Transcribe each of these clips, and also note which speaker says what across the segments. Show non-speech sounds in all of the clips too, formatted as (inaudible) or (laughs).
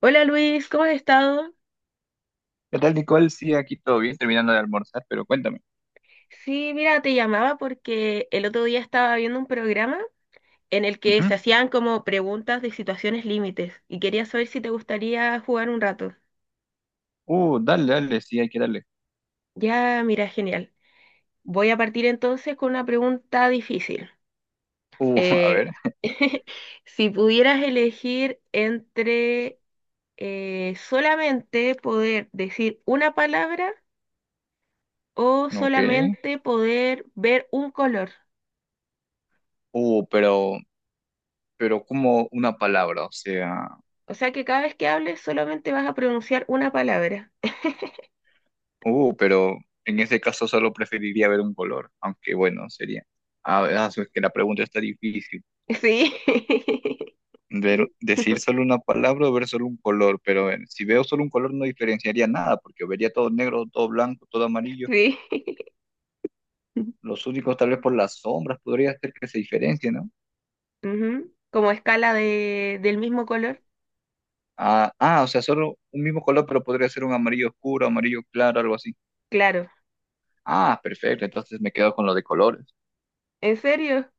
Speaker 1: Hola Luis, ¿cómo has estado?
Speaker 2: ¿Qué tal, Nicole? Sí, aquí todo bien, terminando de almorzar, pero cuéntame.
Speaker 1: Sí, mira, te llamaba porque el otro día estaba viendo un programa en el que
Speaker 2: Ujú.
Speaker 1: se hacían como preguntas de situaciones límites y quería saber si te gustaría jugar un rato.
Speaker 2: Dale, dale, sí, hay que darle.
Speaker 1: Ya, mira, genial. Voy a partir entonces con una pregunta difícil.
Speaker 2: (laughs) A
Speaker 1: Eh,
Speaker 2: ver,
Speaker 1: (laughs) si pudieras elegir entre solamente poder decir una palabra o
Speaker 2: ok.
Speaker 1: solamente poder ver un color.
Speaker 2: Uh, pero, pero como una palabra, o sea,
Speaker 1: O sea que cada vez que hables solamente vas a pronunciar una palabra. (laughs)
Speaker 2: pero en ese caso solo preferiría ver un color, aunque bueno, sería. A ver, ah, es que la pregunta está difícil.
Speaker 1: Sí,
Speaker 2: Decir solo
Speaker 1: (laughs)
Speaker 2: una palabra o ver solo un color, pero a ver, si veo solo un color no diferenciaría nada, porque vería todo negro, todo blanco, todo amarillo.
Speaker 1: sí.
Speaker 2: Los únicos, tal vez por las sombras, podría ser que se diferencien, ¿no?
Speaker 1: Ujú. Como escala de, del mismo color.
Speaker 2: Ah, ah, o sea, solo un mismo color, pero podría ser un amarillo oscuro, amarillo claro, algo así.
Speaker 1: Claro.
Speaker 2: Ah, perfecto, entonces me quedo con lo de colores.
Speaker 1: ¿En serio?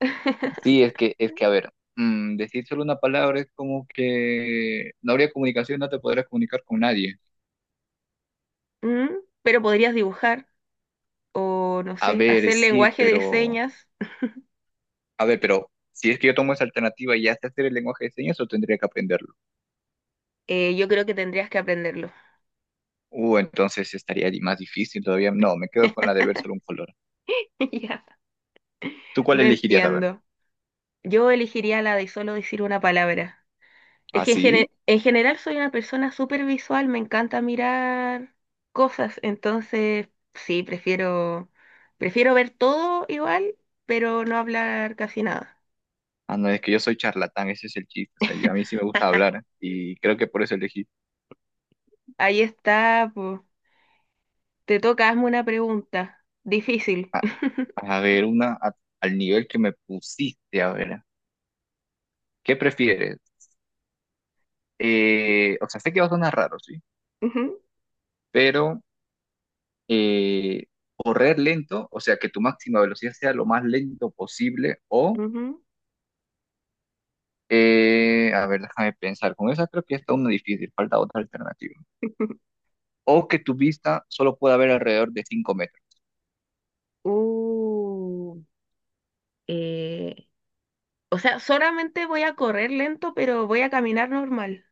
Speaker 2: Sí, es que, a ver, decir solo una palabra es como que no habría comunicación, no te podrías comunicar con nadie.
Speaker 1: Mm, pero podrías dibujar o, no
Speaker 2: A
Speaker 1: sé,
Speaker 2: ver,
Speaker 1: hacer
Speaker 2: sí,
Speaker 1: lenguaje de
Speaker 2: pero,
Speaker 1: señas.
Speaker 2: a ver, pero si es que yo tomo esa alternativa y ya sé hacer el lenguaje de señas, o tendría que aprenderlo.
Speaker 1: Yo creo que tendrías que aprenderlo.
Speaker 2: Entonces estaría más difícil todavía. No, me quedo con la de ver solo un color.
Speaker 1: (laughs) Ya.
Speaker 2: ¿Tú cuál
Speaker 1: Lo
Speaker 2: elegirías, a ver?
Speaker 1: entiendo. Yo elegiría la de solo decir una palabra. Es que en,
Speaker 2: ¿Así?
Speaker 1: gene- en general soy una persona súper visual, me encanta mirar cosas, entonces sí, prefiero, prefiero ver todo igual, pero no hablar casi nada.
Speaker 2: Ah, no, es que yo soy charlatán, ese es el chiste. O sea, a mí sí me gusta hablar
Speaker 1: (laughs)
Speaker 2: y creo que por eso elegí.
Speaker 1: Ahí está, po. Te toca, hazme una pregunta. Difícil.
Speaker 2: A, a ver, al nivel que me pusiste, a ver, ¿qué prefieres? O sea, sé que va a sonar raro, ¿sí?
Speaker 1: (laughs) Ujú,
Speaker 2: Pero eh, correr lento, o sea, que tu máxima velocidad sea lo más lento posible o,
Speaker 1: ujú.
Speaker 2: a ver, déjame pensar, con esa creo que está una difícil, falta otra alternativa.
Speaker 1: (laughs)
Speaker 2: O que tu vista solo pueda ver alrededor de 5 metros.
Speaker 1: Uh, eh, o sea, solamente voy a correr lento, pero voy a caminar normal.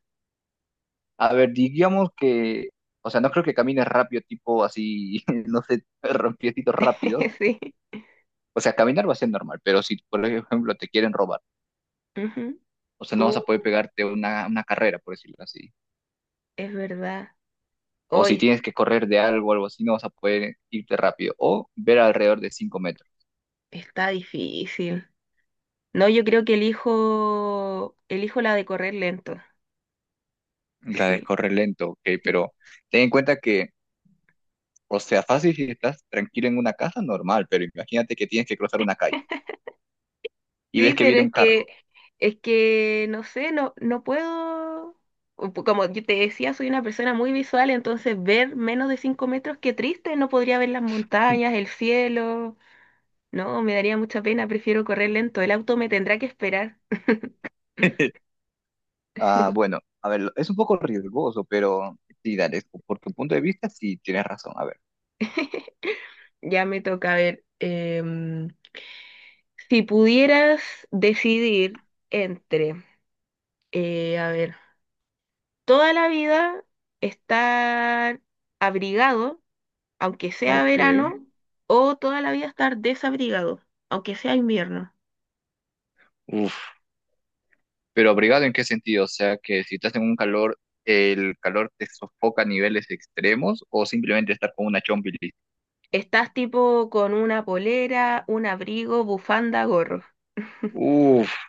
Speaker 2: A ver, digamos que, o sea, no creo que camines rápido, tipo así, (laughs) no sé, piecitos rápidos.
Speaker 1: (laughs) Sí.
Speaker 2: O sea, caminar va a ser normal, pero si, por ejemplo, te quieren robar,
Speaker 1: Ujú.
Speaker 2: o sea, no vas a poder
Speaker 1: Uh,
Speaker 2: pegarte una carrera, por decirlo así.
Speaker 1: es verdad.
Speaker 2: O si
Speaker 1: Hoy
Speaker 2: tienes que correr de algo, algo así, no vas a poder irte rápido. O ver alrededor de 5 metros.
Speaker 1: está difícil. No, yo creo que elijo la de correr lento.
Speaker 2: La de
Speaker 1: Sí,
Speaker 2: correr lento, ok,
Speaker 1: sí.
Speaker 2: pero ten en cuenta que, o sea, fácil si estás tranquilo en una casa, normal, pero imagínate que tienes que cruzar una calle y ves
Speaker 1: Sí,
Speaker 2: que
Speaker 1: pero
Speaker 2: viene
Speaker 1: es
Speaker 2: un
Speaker 1: que,
Speaker 2: carro.
Speaker 1: es que, no sé, no puedo. O po- como yo te decía, soy una persona muy visual, entonces ver menos de 5 metros, qué triste, no podría ver las montañas, el cielo. No, me daría mucha pena, prefiero correr lento. El auto me tendrá que esperar.
Speaker 2: (laughs) Ah, bueno, a ver, es un poco riesgoso, pero sí, dale, por tu punto de vista, sí tienes razón. A ver.
Speaker 1: Ya me toca a ver. Si pudieras decidir entre, a ver, toda la vida estar abrigado, aunque sea
Speaker 2: Ok.
Speaker 1: verano, o toda la vida estar desabrigado, aunque sea invierno.
Speaker 2: Uf. ¿Pero abrigado en qué sentido? O sea, que si estás en un calor, ¿el calor te sofoca a niveles extremos o simplemente estar con una chompi?
Speaker 1: Estás tipo con una polera, un abrigo, bufanda, gorro. (laughs)
Speaker 2: Uf.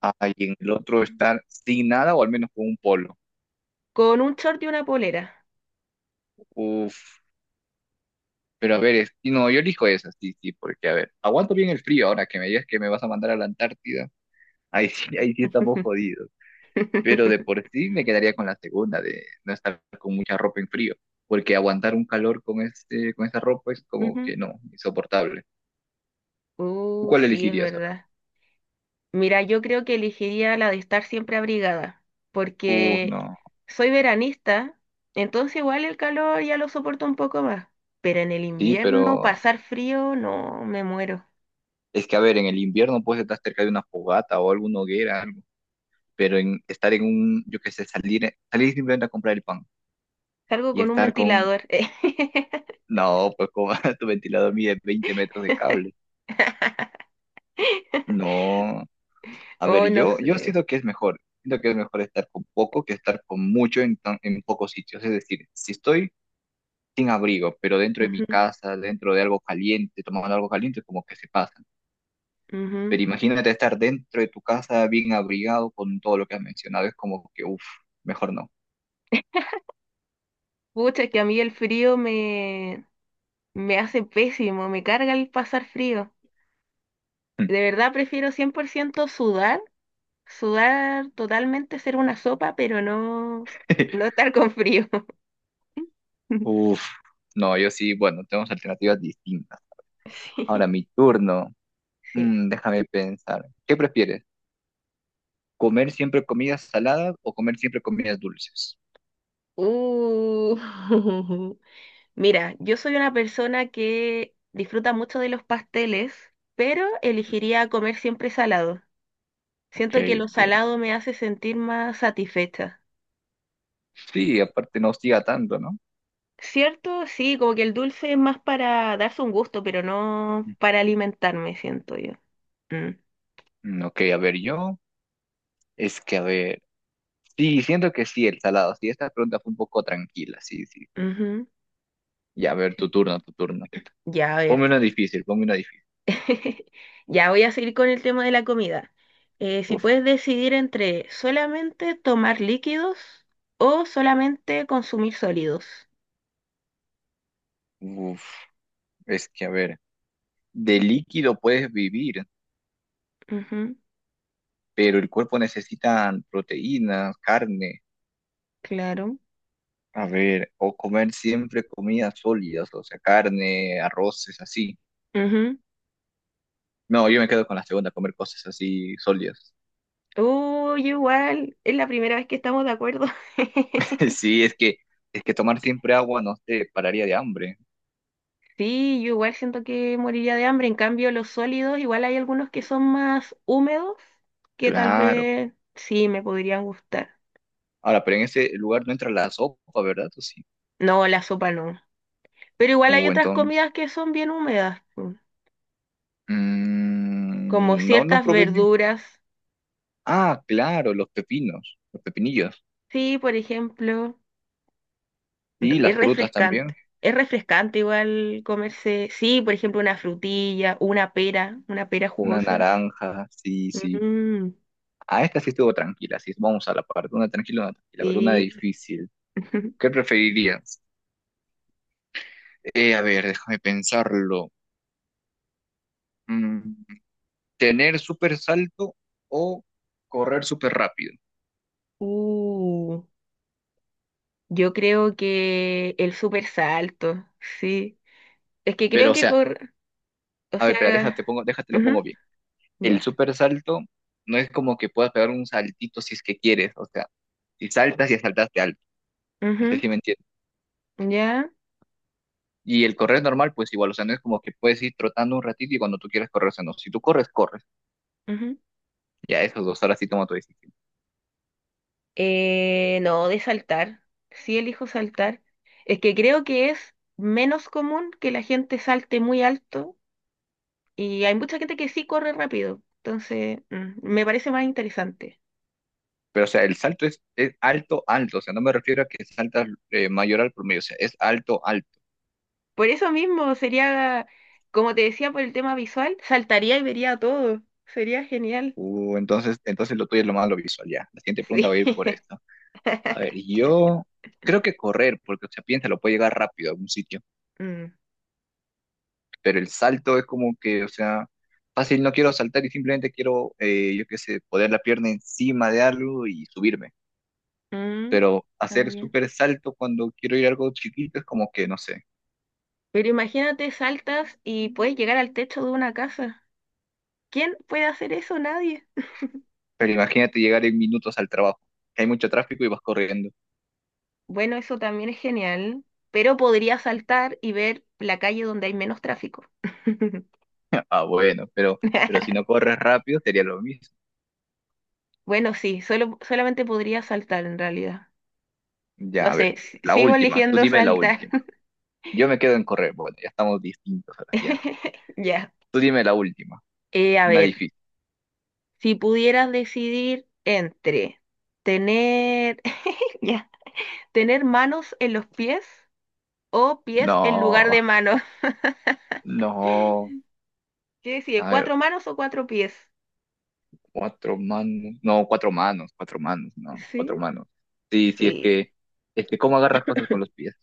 Speaker 2: Ah, y en el otro estar sin nada o al menos con un polo.
Speaker 1: Con un short y una polera.
Speaker 2: Uf. Pero a ver, y no, yo elijo esa, sí, sí, porque a ver, aguanto bien el frío ahora que me digas que me vas a mandar a la Antártida. Ahí sí estamos
Speaker 1: (laughs)
Speaker 2: jodidos. Pero de por sí me quedaría con la segunda, de no estar con mucha ropa en frío, porque aguantar un calor con este, con esta ropa es como
Speaker 1: Ujú.
Speaker 2: que no, insoportable. ¿Tú cuál
Speaker 1: Sí, es
Speaker 2: elegirías? A ver.
Speaker 1: verdad. Mira, yo creo que elegiría la de estar siempre abrigada,
Speaker 2: Uf,
Speaker 1: porque
Speaker 2: no.
Speaker 1: soy veranista, entonces igual el calor ya lo soporto un poco más, pero en el
Speaker 2: Sí,
Speaker 1: invierno
Speaker 2: pero
Speaker 1: pasar frío, no, me muero.
Speaker 2: es que a ver, en el invierno puedes estar cerca de una fogata o alguna hoguera, algo, pero en estar en un, yo qué sé, salir, salir simplemente a comprar el pan
Speaker 1: Salgo
Speaker 2: y
Speaker 1: con un
Speaker 2: estar con,
Speaker 1: ventilador.
Speaker 2: no, pues como (laughs) tu ventilador mide 20 metros de cable.
Speaker 1: (laughs)
Speaker 2: No, a
Speaker 1: Oh,
Speaker 2: ver,
Speaker 1: no
Speaker 2: yo
Speaker 1: sé.
Speaker 2: siento que es mejor. Siento que es mejor estar con poco que estar con mucho en, en pocos sitios. Es decir, si estoy sin abrigo, pero dentro de mi
Speaker 1: Ujú,
Speaker 2: casa, dentro de algo caliente, tomando algo caliente, como que se pasa.
Speaker 1: ujú.
Speaker 2: Pero imagínate estar dentro de tu casa bien abrigado con todo lo que has mencionado. Es como que, uff, mejor no.
Speaker 1: Pucha, que a mí me hace pésimo, me carga el pasar frío. De verdad prefiero 100 por ciento sudar. Sudar totalmente, ser una sopa, pero no, no
Speaker 2: (laughs)
Speaker 1: estar con frío. (laughs)
Speaker 2: Uff, no, yo sí, bueno, tenemos alternativas distintas.
Speaker 1: Sí.
Speaker 2: Ahora mi turno.
Speaker 1: Sí.
Speaker 2: Déjame pensar. ¿Qué prefieres? ¿Comer siempre comidas saladas o comer siempre comidas dulces?
Speaker 1: Uh, (laughs) mira, yo soy una persona que disfruta mucho de los pasteles, pero elegiría comer siempre salado.
Speaker 2: Ok,
Speaker 1: Siento que lo
Speaker 2: ok.
Speaker 1: salado me hace sentir más satisfecha.
Speaker 2: Sí, aparte no hostiga tanto, ¿no?
Speaker 1: Cierto, sí, como que el dulce es más para darse un gusto, pero no para alimentarme, siento yo. Mm,
Speaker 2: Ok, a ver, yo, es que a ver, sí, siento que sí, el salado, sí, esta pregunta fue un poco tranquila, sí, sí.
Speaker 1: ujú,
Speaker 2: Ya, a ver,
Speaker 1: sí.
Speaker 2: tu turno, tu turno.
Speaker 1: Ya, a ver.
Speaker 2: Ponme una difícil, ponme una difícil.
Speaker 1: (laughs) Ya voy a seguir con el tema de la comida. Si
Speaker 2: Uf,
Speaker 1: puedes decidir entre solamente tomar líquidos o solamente consumir sólidos.
Speaker 2: uf, es que a ver, de líquido puedes vivir,
Speaker 1: Ujú,
Speaker 2: pero el cuerpo necesita proteínas, carne,
Speaker 1: claro.
Speaker 2: a ver, o comer siempre comidas sólidas, o sea, carne, arroces, así.
Speaker 1: Ujú.
Speaker 2: No, yo me quedo con la segunda, comer cosas así sólidas.
Speaker 1: Uy, igual, es la primera vez que estamos de acuerdo. (laughs)
Speaker 2: (laughs) Sí, es que tomar siempre agua no te pararía de hambre.
Speaker 1: Sí, yo igual siento que moriría de hambre. En cambio, los sólidos, igual hay algunos que son más húmedos, que tal
Speaker 2: Claro.
Speaker 1: vez sí me podrían gustar.
Speaker 2: Ahora, pero en ese lugar no entra la sopa, ¿verdad? ¿O sí?
Speaker 1: No, la sopa no. Pero igual hay otras
Speaker 2: Entonces.
Speaker 1: comidas que son bien húmedas. Como
Speaker 2: No, no
Speaker 1: ciertas
Speaker 2: probé ni-
Speaker 1: verduras.
Speaker 2: ah, claro, los pepinos, los pepinillos.
Speaker 1: Sí, por ejemplo, re-
Speaker 2: Y
Speaker 1: es
Speaker 2: las frutas
Speaker 1: refrescante.
Speaker 2: también.
Speaker 1: Es refrescante igual comerse, sí, por ejemplo, una frutilla, una pera
Speaker 2: Una
Speaker 1: jugosa.
Speaker 2: naranja, sí, sí.
Speaker 1: Mm,
Speaker 2: Ah, esta sí estuvo tranquila, sí. Vamos a la parte. Una tranquila, una tranquila. A ver, una
Speaker 1: sí.
Speaker 2: difícil. ¿Qué
Speaker 1: (laughs)
Speaker 2: preferirías? A ver, déjame pensarlo. Mm, ¿tener súper salto o correr súper rápido?
Speaker 1: Uh, yo creo que el super salto, sí. Es que
Speaker 2: Pero,
Speaker 1: creo
Speaker 2: o
Speaker 1: que
Speaker 2: sea,
Speaker 1: corre, o
Speaker 2: a ver, espera, déjate,
Speaker 1: sea,
Speaker 2: pongo, déjate, lo
Speaker 1: ujú,
Speaker 2: pongo bien. El
Speaker 1: ya,
Speaker 2: super salto no es como que puedas pegar un saltito si es que quieres, o sea, si saltas y saltaste alto, no sé si me entiendes.
Speaker 1: ujú, ya,
Speaker 2: Y el correr normal, pues igual, o sea, no es como que puedes ir trotando un ratito y cuando tú quieras correr, o sea, no, si tú corres, corres,
Speaker 1: ujú.
Speaker 2: ya esos dos horas sí toma tu decisión.
Speaker 1: No, de saltar. Sí elijo saltar. Es que creo que es menos común que la gente salte muy alto y hay mucha gente que sí corre rápido. Entonces, mm, me parece más interesante.
Speaker 2: Pero, o sea, el salto es alto, alto, o sea, no me refiero a que saltas mayor al promedio, o sea, es alto, alto.
Speaker 1: Por eso mismo sería, como te decía, por el tema visual, saltaría y vería todo. Sería genial.
Speaker 2: Entonces, entonces lo tuyo es lo más lo visual, ya. La siguiente
Speaker 1: Sí.
Speaker 2: pregunta va a ir por
Speaker 1: (laughs)
Speaker 2: eso. A ver, yo creo que correr, porque, o sea, piénsalo, puede llegar rápido a algún sitio,
Speaker 1: Mm,
Speaker 2: pero el salto es como que, o sea, fácil, no quiero saltar y simplemente quiero, yo qué sé, poner la pierna encima de algo y subirme.
Speaker 1: mm,
Speaker 2: Pero hacer
Speaker 1: también.
Speaker 2: súper salto cuando quiero ir a algo chiquito es como que, no sé.
Speaker 1: Pero imagínate, saltas y puedes llegar al techo de una casa. ¿Quién puede hacer eso? Nadie.
Speaker 2: Pero imagínate llegar en minutos al trabajo, que hay mucho tráfico y vas corriendo. (laughs)
Speaker 1: Bueno, eso también es genial, pero podría saltar y ver la calle donde hay menos tráfico. (laughs)
Speaker 2: Ah, bueno, pero si no corres rápido sería lo mismo.
Speaker 1: Bueno, sí, solo, solamente podría saltar en realidad.
Speaker 2: Ya,
Speaker 1: No
Speaker 2: a ver,
Speaker 1: sé, s-
Speaker 2: la
Speaker 1: sigo
Speaker 2: última, tú
Speaker 1: eligiendo
Speaker 2: dime la
Speaker 1: saltar.
Speaker 2: última. Yo me quedo en correr, bueno, ya estamos distintos ahora, ya.
Speaker 1: (laughs) Ya.
Speaker 2: Tú dime la última.
Speaker 1: A
Speaker 2: Una
Speaker 1: ver,
Speaker 2: difícil.
Speaker 1: si pudieras decidir entre tener, (laughs) ya, tener manos en los pies o pies en lugar
Speaker 2: No,
Speaker 1: de manos.
Speaker 2: no.
Speaker 1: (laughs) ¿Qué decides?
Speaker 2: A ver,
Speaker 1: ¿Cuatro manos o cuatro pies?
Speaker 2: cuatro manos. No, cuatro manos, no, cuatro
Speaker 1: Sí,
Speaker 2: manos. Sí, sí, es
Speaker 1: sí.
Speaker 2: que, es que cómo agarras cosas con los pies.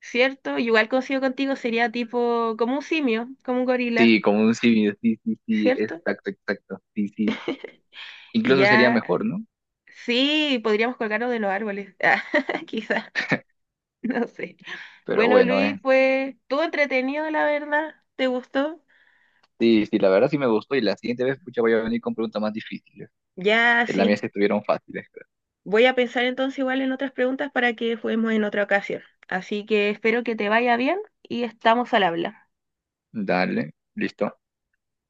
Speaker 1: ¿Cierto? Igual coincido contigo, sería tipo como un simio, como un gorila,
Speaker 2: Sí, como un simio, sí, sí, sí,
Speaker 1: ¿cierto?
Speaker 2: exacto, exacto, sí, sí. Incluso sería
Speaker 1: Ya,
Speaker 2: mejor, ¿no?
Speaker 1: sí, podríamos colgarnos de los árboles. (laughs) Ah, quizá, no sé.
Speaker 2: Pero
Speaker 1: Bueno,
Speaker 2: bueno,
Speaker 1: Luis,
Speaker 2: eh.
Speaker 1: pues todo entretenido, la verdad, ¿te gustó?
Speaker 2: Sí, sí, la verdad sí me gustó y la siguiente vez, pucha, voy a venir con preguntas más difíciles,
Speaker 1: Ya,
Speaker 2: que las
Speaker 1: sí.
Speaker 2: mías estuvieron fáciles. Creo.
Speaker 1: Voy a pensar entonces igual en otras preguntas para que juguemos en otra ocasión. Así que espero que te vaya bien y estamos al habla.
Speaker 2: Dale, listo.